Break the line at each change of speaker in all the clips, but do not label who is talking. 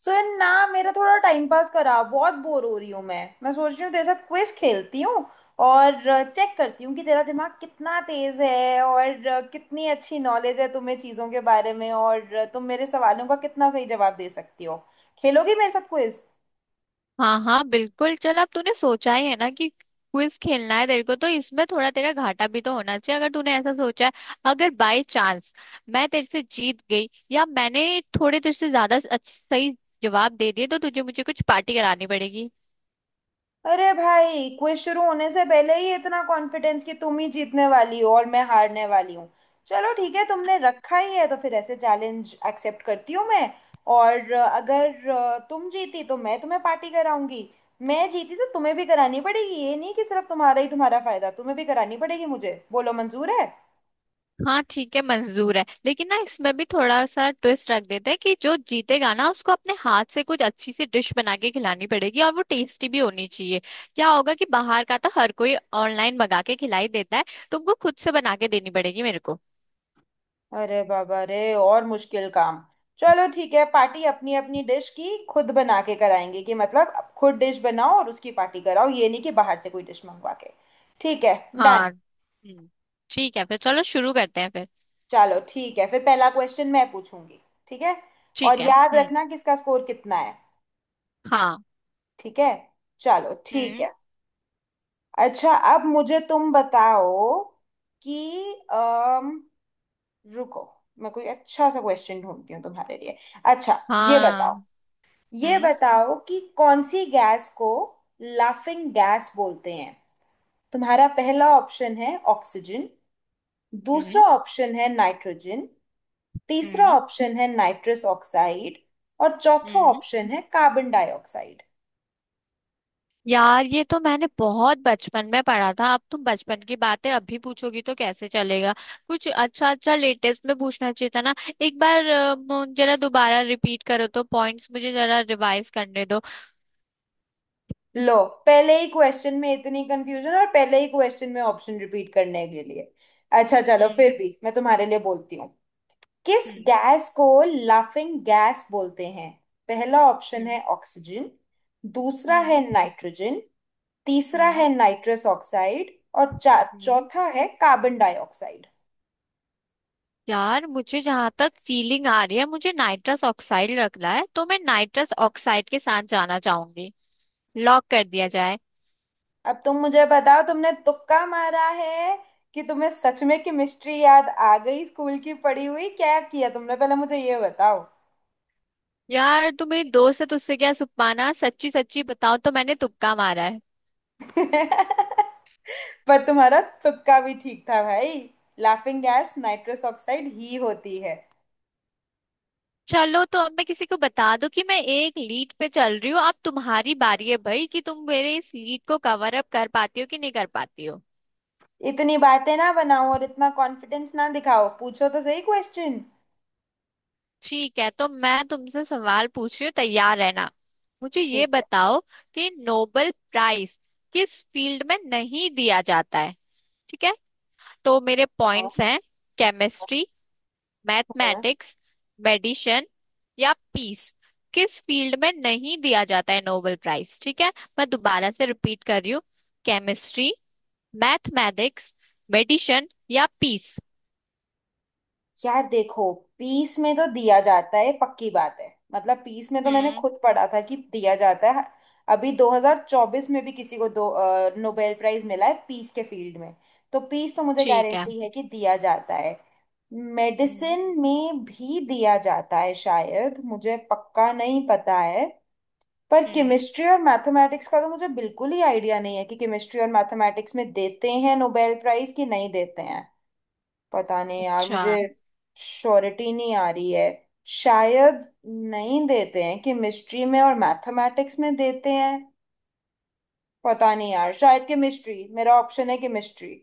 सो यार ना मेरा थोड़ा टाइम पास करा, बहुत बोर हो रही हूँ। मैं सोच रही हूँ तेरे साथ क्विज खेलती हूँ और चेक करती हूँ कि तेरा दिमाग कितना तेज है और कितनी अच्छी नॉलेज है तुम्हें चीज़ों के बारे में, और तुम मेरे सवालों का कितना सही जवाब दे सकती हो। खेलोगी मेरे साथ क्विज?
हाँ हाँ, बिल्कुल। चल, अब तूने सोचा ही है ना कि क्विज खेलना है तेरे को, तो इसमें थोड़ा तेरा घाटा भी तो होना चाहिए अगर तूने ऐसा सोचा है। अगर बाय चांस मैं तेरे से जीत गई या मैंने थोड़े तेरे से ज्यादा सही जवाब दे दिए तो तुझे मुझे कुछ पार्टी करानी पड़ेगी।
अरे भाई, क्विज शुरू होने से पहले ही इतना कॉन्फिडेंस कि तुम ही जीतने वाली हो और मैं हारने वाली हूँ। चलो ठीक है, तुमने रखा ही है तो फिर ऐसे चैलेंज एक्सेप्ट करती हूँ मैं। और अगर तुम जीती तो मैं तुम्हें पार्टी कराऊंगी। मैं जीती तो तुम्हें भी करानी पड़ेगी, ये नहीं कि सिर्फ तुम्हारा ही तुम्हारा फायदा। तुम्हें भी करानी पड़ेगी, मुझे बोलो मंजूर है।
हाँ ठीक है, मंजूर है। लेकिन ना इसमें भी थोड़ा सा ट्विस्ट रख देते हैं कि जो जीतेगा ना उसको अपने हाथ से कुछ अच्छी सी डिश बना के खिलानी पड़ेगी और वो टेस्टी भी होनी चाहिए। क्या होगा कि बाहर का तो हर कोई ऑनलाइन मंगा के खिलाई देता है, तुमको खुद से बना के देनी पड़ेगी मेरे को।
अरे बाबा रे, और मुश्किल काम। चलो ठीक है, पार्टी अपनी अपनी डिश की खुद बना के कराएंगे, कि मतलब अब खुद डिश बनाओ और उसकी पार्टी कराओ, ये नहीं कि बाहर से कोई डिश मंगवा के। ठीक है। डन।
हाँ। हम्म। ठीक है, फिर चलो शुरू करते हैं फिर।
चलो ठीक है फिर, पहला क्वेश्चन मैं पूछूंगी। ठीक है। और
ठीक है।
याद
हम्म।
रखना किसका स्कोर कितना है।
हाँ।
ठीक है। चलो ठीक
हम्म।
है। अच्छा अब मुझे तुम बताओ कि अम, रुको, मैं कोई अच्छा सा क्वेश्चन ढूंढती हूँ तुम्हारे लिए। अच्छा, ये
हाँ।
बताओ, ये
हम्म।
बताओ कि कौन सी गैस को लाफिंग गैस बोलते हैं। तुम्हारा पहला ऑप्शन है ऑक्सीजन, दूसरा
हम्म।
ऑप्शन है नाइट्रोजन, तीसरा
हम्म।
ऑप्शन है नाइट्रस ऑक्साइड, और चौथा
हम्म।
ऑप्शन है कार्बन डाइऑक्साइड।
यार ये तो मैंने बहुत बचपन में पढ़ा था, अब तुम बचपन की बातें अभी पूछोगी तो कैसे चलेगा। कुछ अच्छा अच्छा लेटेस्ट में पूछना चाहिए था ना। एक बार जरा दोबारा रिपीट करो तो पॉइंट्स मुझे जरा रिवाइज करने दो।
लो, पहले ही क्वेश्चन में इतनी कंफ्यूजन, और पहले ही क्वेश्चन में ऑप्शन रिपीट करने के लिए। अच्छा चलो,
हम्म।
फिर भी मैं तुम्हारे लिए बोलती हूँ। किस
हम्म।
गैस को लाफिंग गैस बोलते हैं? पहला ऑप्शन
हम्म।
है ऑक्सीजन, दूसरा है
हम्म।
नाइट्रोजन, तीसरा है
हम्म।
नाइट्रस ऑक्साइड, और
हम्म।
चौथा है कार्बन डाइऑक्साइड।
यार मुझे जहां तक फीलिंग आ रही है मुझे नाइट्रस ऑक्साइड रखना है, तो मैं नाइट्रस ऑक्साइड के साथ जाना चाहूंगी। लॉक कर दिया जाए।
अब तुम मुझे बताओ, तुमने तुक्का मारा है कि तुम्हें सच में केमिस्ट्री याद आ गई स्कूल की पढ़ी हुई? क्या किया तुमने, पहले मुझे ये बताओ।
यार तू मेरी दोस्त है तो उससे क्या सुपाना, सच्ची सच्ची बताओ तो मैंने तुक्का मारा है।
पर तुम्हारा तुक्का भी ठीक था भाई, लाफिंग गैस नाइट्रस ऑक्साइड ही होती है।
चलो तो अब मैं किसी को बता दूं कि मैं एक लीड पे चल रही हूँ। अब तुम्हारी बारी है भाई, कि तुम मेरे इस लीड को कवर अप कर पाती हो कि नहीं कर पाती हो।
इतनी बातें ना बनाओ और इतना कॉन्फिडेंस ना दिखाओ, पूछो तो सही क्वेश्चन।
ठीक है, तो मैं तुमसे सवाल पूछ रही हूँ, तैयार रहना। मुझे ये
ठीक है।
बताओ कि नोबेल प्राइज किस फील्ड में नहीं दिया जाता है। ठीक है। तो मेरे
हाँ।
पॉइंट्स हैं, केमिस्ट्री,
हाँ,
मैथमेटिक्स, मेडिसिन या पीस। किस फील्ड में नहीं दिया जाता है नोबेल प्राइज? ठीक है, मैं दोबारा से रिपीट कर रही हूँ। केमिस्ट्री, मैथमेटिक्स, मेडिसिन या पीस।
यार देखो, पीस में तो दिया जाता है, पक्की बात है। मतलब पीस में तो मैंने
हम्म।
खुद पढ़ा था कि दिया जाता है। अभी 2024 में भी किसी को दो नोबेल प्राइज मिला है पीस के फील्ड में। तो पीस तो मुझे
ठीक है।
गारंटी है कि दिया जाता है।
हम्म,
मेडिसिन में भी दिया जाता है शायद, मुझे पक्का नहीं पता है। पर
हम्म।
केमिस्ट्री और मैथमेटिक्स का तो मुझे बिल्कुल ही आइडिया नहीं है कि केमिस्ट्री और मैथमेटिक्स में देते हैं नोबेल प्राइज कि नहीं देते हैं। पता नहीं यार
अच्छा।
मुझे, श्योरिटी नहीं आ रही है। शायद नहीं देते हैं केमिस्ट्री में, और मैथमेटिक्स में देते हैं। पता नहीं यार, शायद केमिस्ट्री मेरा ऑप्शन है, केमिस्ट्री।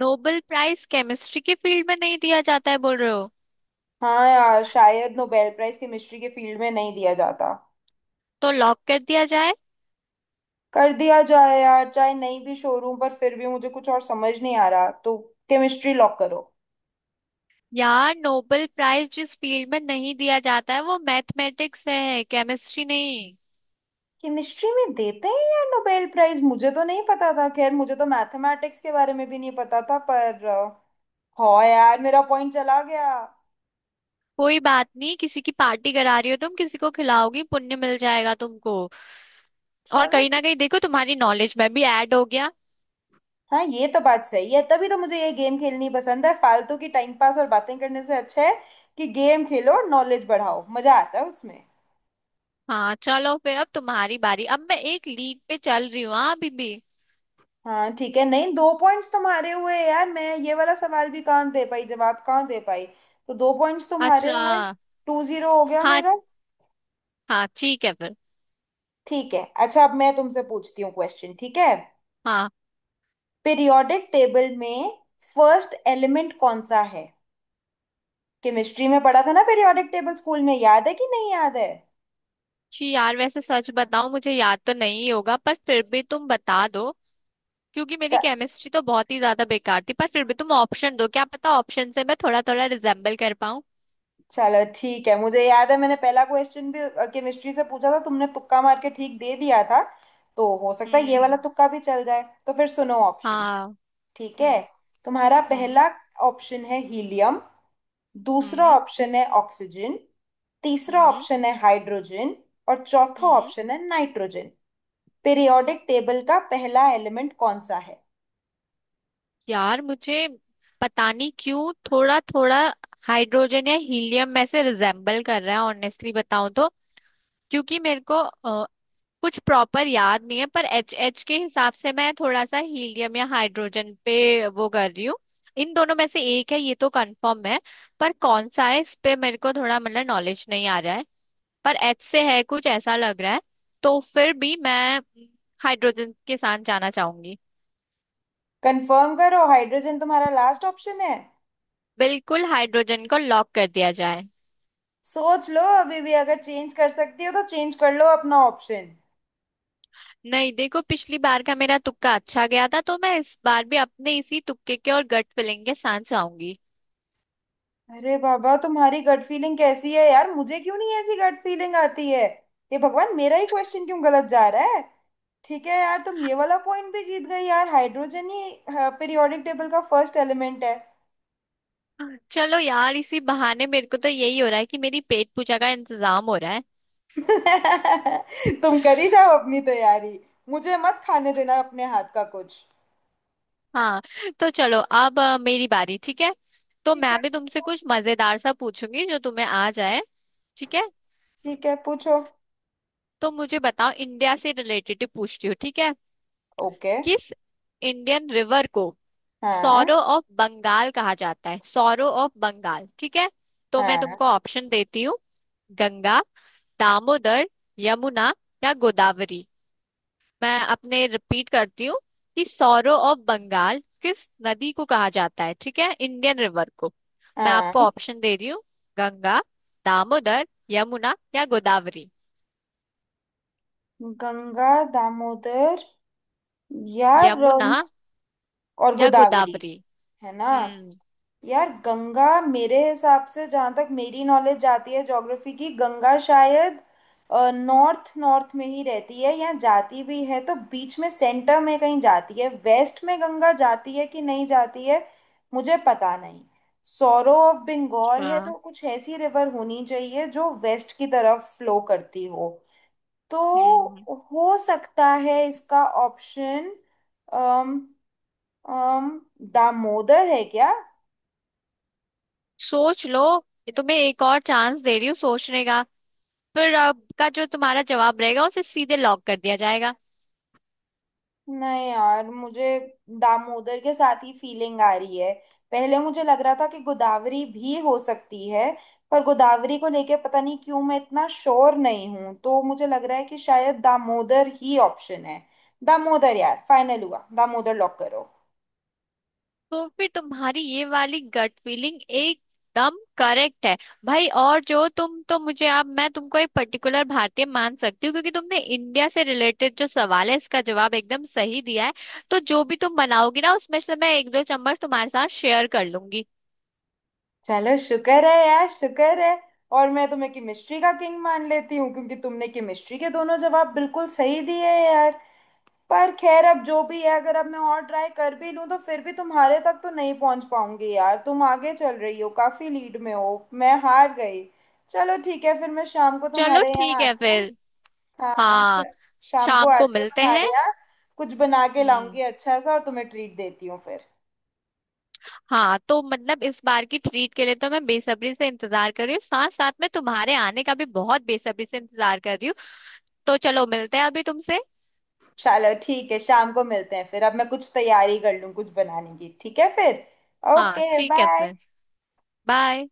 नोबेल प्राइज केमिस्ट्री के फील्ड में नहीं दिया जाता है बोल रहे हो?
हाँ यार, शायद नोबेल प्राइज केमिस्ट्री के फील्ड में नहीं दिया जाता।
तो लॉक कर दिया जाए।
कर दिया जाए यार, चाहे नहीं भी शोरूम पर फिर भी मुझे कुछ और समझ नहीं आ रहा, तो केमिस्ट्री लॉक करो।
यार नोबेल प्राइज जिस फील्ड में नहीं दिया जाता है वो मैथमेटिक्स है, केमिस्ट्री नहीं।
केमिस्ट्री में देते हैं यार नोबेल प्राइज, मुझे तो नहीं पता था। खैर, मुझे तो मैथमेटिक्स के बारे में भी नहीं पता था पर हो यार मेरा पॉइंट चला गया।
कोई बात नहीं, किसी की पार्टी करा रही हो तुम, किसी को खिलाओगी, पुण्य मिल जाएगा तुमको। और
चलो
कहीं ना
ठीक।
कहीं देखो तुम्हारी नॉलेज में भी ऐड हो गया।
हाँ ये तो बात सही है, तभी तो मुझे ये गेम खेलनी पसंद है। फालतू की टाइम पास और बातें करने से अच्छा है कि गेम खेलो और नॉलेज बढ़ाओ, मजा आता है उसमें।
हाँ चलो फिर, अब तुम्हारी बारी, अब मैं एक लीड पे चल रही हूँ, हाँ अभी भी।
हाँ ठीक है, नहीं दो पॉइंट्स तुम्हारे हुए यार, मैं ये वाला सवाल भी कहाँ दे पाई जवाब, कहाँ दे पाई। तो दो पॉइंट्स तुम्हारे हुए,
अच्छा।
टू जीरो हो गया
हाँ।
मेरा।
हाँ ठीक है फिर।
ठीक है, अच्छा अब मैं तुमसे पूछती हूँ क्वेश्चन, ठीक है।
हाँ।
पीरियोडिक टेबल में फर्स्ट एलिमेंट कौन सा है? केमिस्ट्री में पढ़ा था ना पीरियोडिक टेबल स्कूल में, याद है कि नहीं याद है?
जी यार, वैसे सच बताऊं, मुझे याद तो नहीं होगा पर फिर भी तुम बता दो। क्योंकि मेरी
च-
केमिस्ट्री तो बहुत ही ज्यादा बेकार थी, पर फिर भी तुम ऑप्शन दो, क्या पता ऑप्शन से मैं थोड़ा थोड़ा रिजेम्बल कर पाऊं।
चलो ठीक है, मुझे याद है, मैंने पहला क्वेश्चन भी केमिस्ट्री से पूछा था, तुमने तुक्का मार के ठीक दे दिया था, तो हो सकता है ये वाला
हम्म।
तुक्का भी चल जाए। तो फिर सुनो ऑप्शन।
हाँ।
ठीक है।
हम्म।
तुम्हारा
हम्म।
पहला ऑप्शन है हीलियम, दूसरा
हम्म।
ऑप्शन है ऑक्सीजन, तीसरा
हम्म।
ऑप्शन है हाइड्रोजन, और चौथा
हम्म।
ऑप्शन है नाइट्रोजन। पीरियोडिक टेबल का पहला एलिमेंट कौन सा है?
यार मुझे पता नहीं क्यों थोड़ा थोड़ा हाइड्रोजन या हीलियम में से रिजेम्बल कर रहा है, ऑनेस्टली बताऊं तो। क्योंकि मेरे को कुछ प्रॉपर याद नहीं है, पर एच एच के हिसाब से मैं थोड़ा सा हीलियम या हाइड्रोजन पे वो कर रही हूँ। इन दोनों में से एक है ये तो कंफर्म है। पर कौन सा है इस पे मेरे को थोड़ा मतलब नॉलेज नहीं आ रहा है। पर एच से है कुछ ऐसा लग रहा है। तो फिर भी मैं हाइड्रोजन के साथ जाना चाहूंगी।
कंफर्म करो, हाइड्रोजन तुम्हारा लास्ट ऑप्शन है?
बिल्कुल, हाइड्रोजन को लॉक कर दिया जाए।
सोच लो अभी भी, अगर चेंज कर सकती हो तो चेंज कर लो अपना ऑप्शन।
नहीं देखो, पिछली बार का मेरा तुक्का अच्छा गया था तो मैं इस बार भी अपने इसी तुक्के के और गट फिलिंग के साथ जाऊंगी।
अरे बाबा, तुम्हारी गट फीलिंग कैसी है यार, मुझे क्यों नहीं ऐसी गट फीलिंग आती है। हे भगवान, मेरा ही क्वेश्चन क्यों गलत जा रहा है। ठीक है यार, तुम ये वाला पॉइंट भी जीत गई यार, हाइड्रोजन ही पीरियोडिक टेबल का फर्स्ट एलिमेंट है।
चलो यार इसी बहाने मेरे को तो यही हो रहा है कि मेरी पेट पूजा का इंतजाम हो रहा है।
तुम करी जाओ अपनी तैयारी, मुझे मत खाने देना अपने हाथ का कुछ।
हाँ। तो चलो अब मेरी बारी, ठीक है। तो
ठीक
मैं
है
भी तुमसे
पूछो।
कुछ मजेदार सा पूछूंगी जो तुम्हें आ जाए। ठीक है।
ठीक है पूछो।
तो मुझे बताओ, इंडिया से रिलेटेड ही पूछती हूँ, ठीक है।
ओके।
किस इंडियन रिवर को
हाँ।
सौरो ऑफ बंगाल कहा जाता है? सौरो ऑफ बंगाल, ठीक है। तो मैं
हाँ।
तुमको ऑप्शन देती हूँ। गंगा, दामोदर, यमुना या गोदावरी। मैं अपने रिपीट करती हूँ कि सौरो ऑफ बंगाल किस नदी को कहा जाता है, ठीक है, इंडियन रिवर को। मैं
हाँ।
आपको ऑप्शन दे रही हूँ। गंगा, दामोदर, यमुना या गोदावरी।
गंगा, दामोदर, या
यमुना
रम, और
या
गोदावरी,
गोदावरी।
है ना?
हम्म।
यार गंगा मेरे हिसाब से, जहाँ तक मेरी नॉलेज जाती है ज्योग्राफी की, गंगा शायद नॉर्थ, नॉर्थ में ही रहती है, या जाती भी है तो बीच में सेंटर में कहीं जाती है। वेस्ट में गंगा जाती है कि नहीं जाती है, मुझे पता नहीं। सौरो ऑफ बंगाल
अच्छा,
है तो कुछ ऐसी रिवर होनी चाहिए जो वेस्ट की तरफ फ्लो करती हो। तो
हम्म।
हो सकता है इसका ऑप्शन अम अम दामोदर है क्या?
सोच लो, ये तुम्हें एक और चांस दे रही हूँ सोचने का। फिर आपका जो तुम्हारा जवाब रहेगा उसे सीधे लॉक कर दिया जाएगा।
नहीं यार, मुझे दामोदर के साथ ही फीलिंग आ रही है। पहले मुझे लग रहा था कि गोदावरी भी हो सकती है, पर गोदावरी को लेके पता नहीं क्यों मैं इतना श्योर नहीं हूं, तो मुझे लग रहा है कि शायद दामोदर ही ऑप्शन है। दामोदर यार, फाइनल हुआ, दामोदर लॉक करो।
तो फिर तुम्हारी ये वाली गट फीलिंग एकदम करेक्ट है भाई। और जो तुम, तो मुझे, अब मैं तुमको एक पर्टिकुलर भारतीय मान सकती हूँ, क्योंकि तुमने इंडिया से रिलेटेड जो सवाल है इसका जवाब एकदम सही दिया है। तो जो भी तुम बनाओगी ना उसमें से मैं एक दो चम्मच तुम्हारे साथ शेयर कर लूंगी।
चलो शुक्र है यार, शुक्र है। और मैं तुम्हें केमिस्ट्री का किंग मान लेती हूँ, क्योंकि तुमने केमिस्ट्री के दोनों जवाब बिल्कुल सही दिए हैं यार। पर खैर अब जो भी है, अगर अब मैं और ट्राई कर भी लूं तो फिर भी तुम्हारे तक तो नहीं पहुंच पाऊंगी यार, तुम आगे चल रही हो, काफी लीड में हो। मैं हार गई। चलो ठीक है फिर, मैं शाम को
चलो
तुम्हारे
ठीक
यहाँ
है
आती हूँ।
फिर।
हाँ,
हाँ।
शाम को
शाम को
आती हूँ
मिलते
तुम्हारे
हैं।
यहाँ, कुछ बना के
हम्म।
लाऊंगी अच्छा सा और तुम्हें ट्रीट देती हूँ फिर।
हाँ तो मतलब इस बार की ट्रीट के लिए तो मैं बेसब्री से इंतजार कर रही हूँ, साथ साथ में तुम्हारे आने का भी बहुत बेसब्री से इंतजार कर रही हूँ। तो चलो मिलते हैं अभी तुमसे।
चलो ठीक है, शाम को मिलते हैं फिर, अब मैं कुछ तैयारी कर लूँ कुछ बनाने की, ठीक है फिर।
हाँ
ओके
ठीक है
बाय।
फिर। बाय।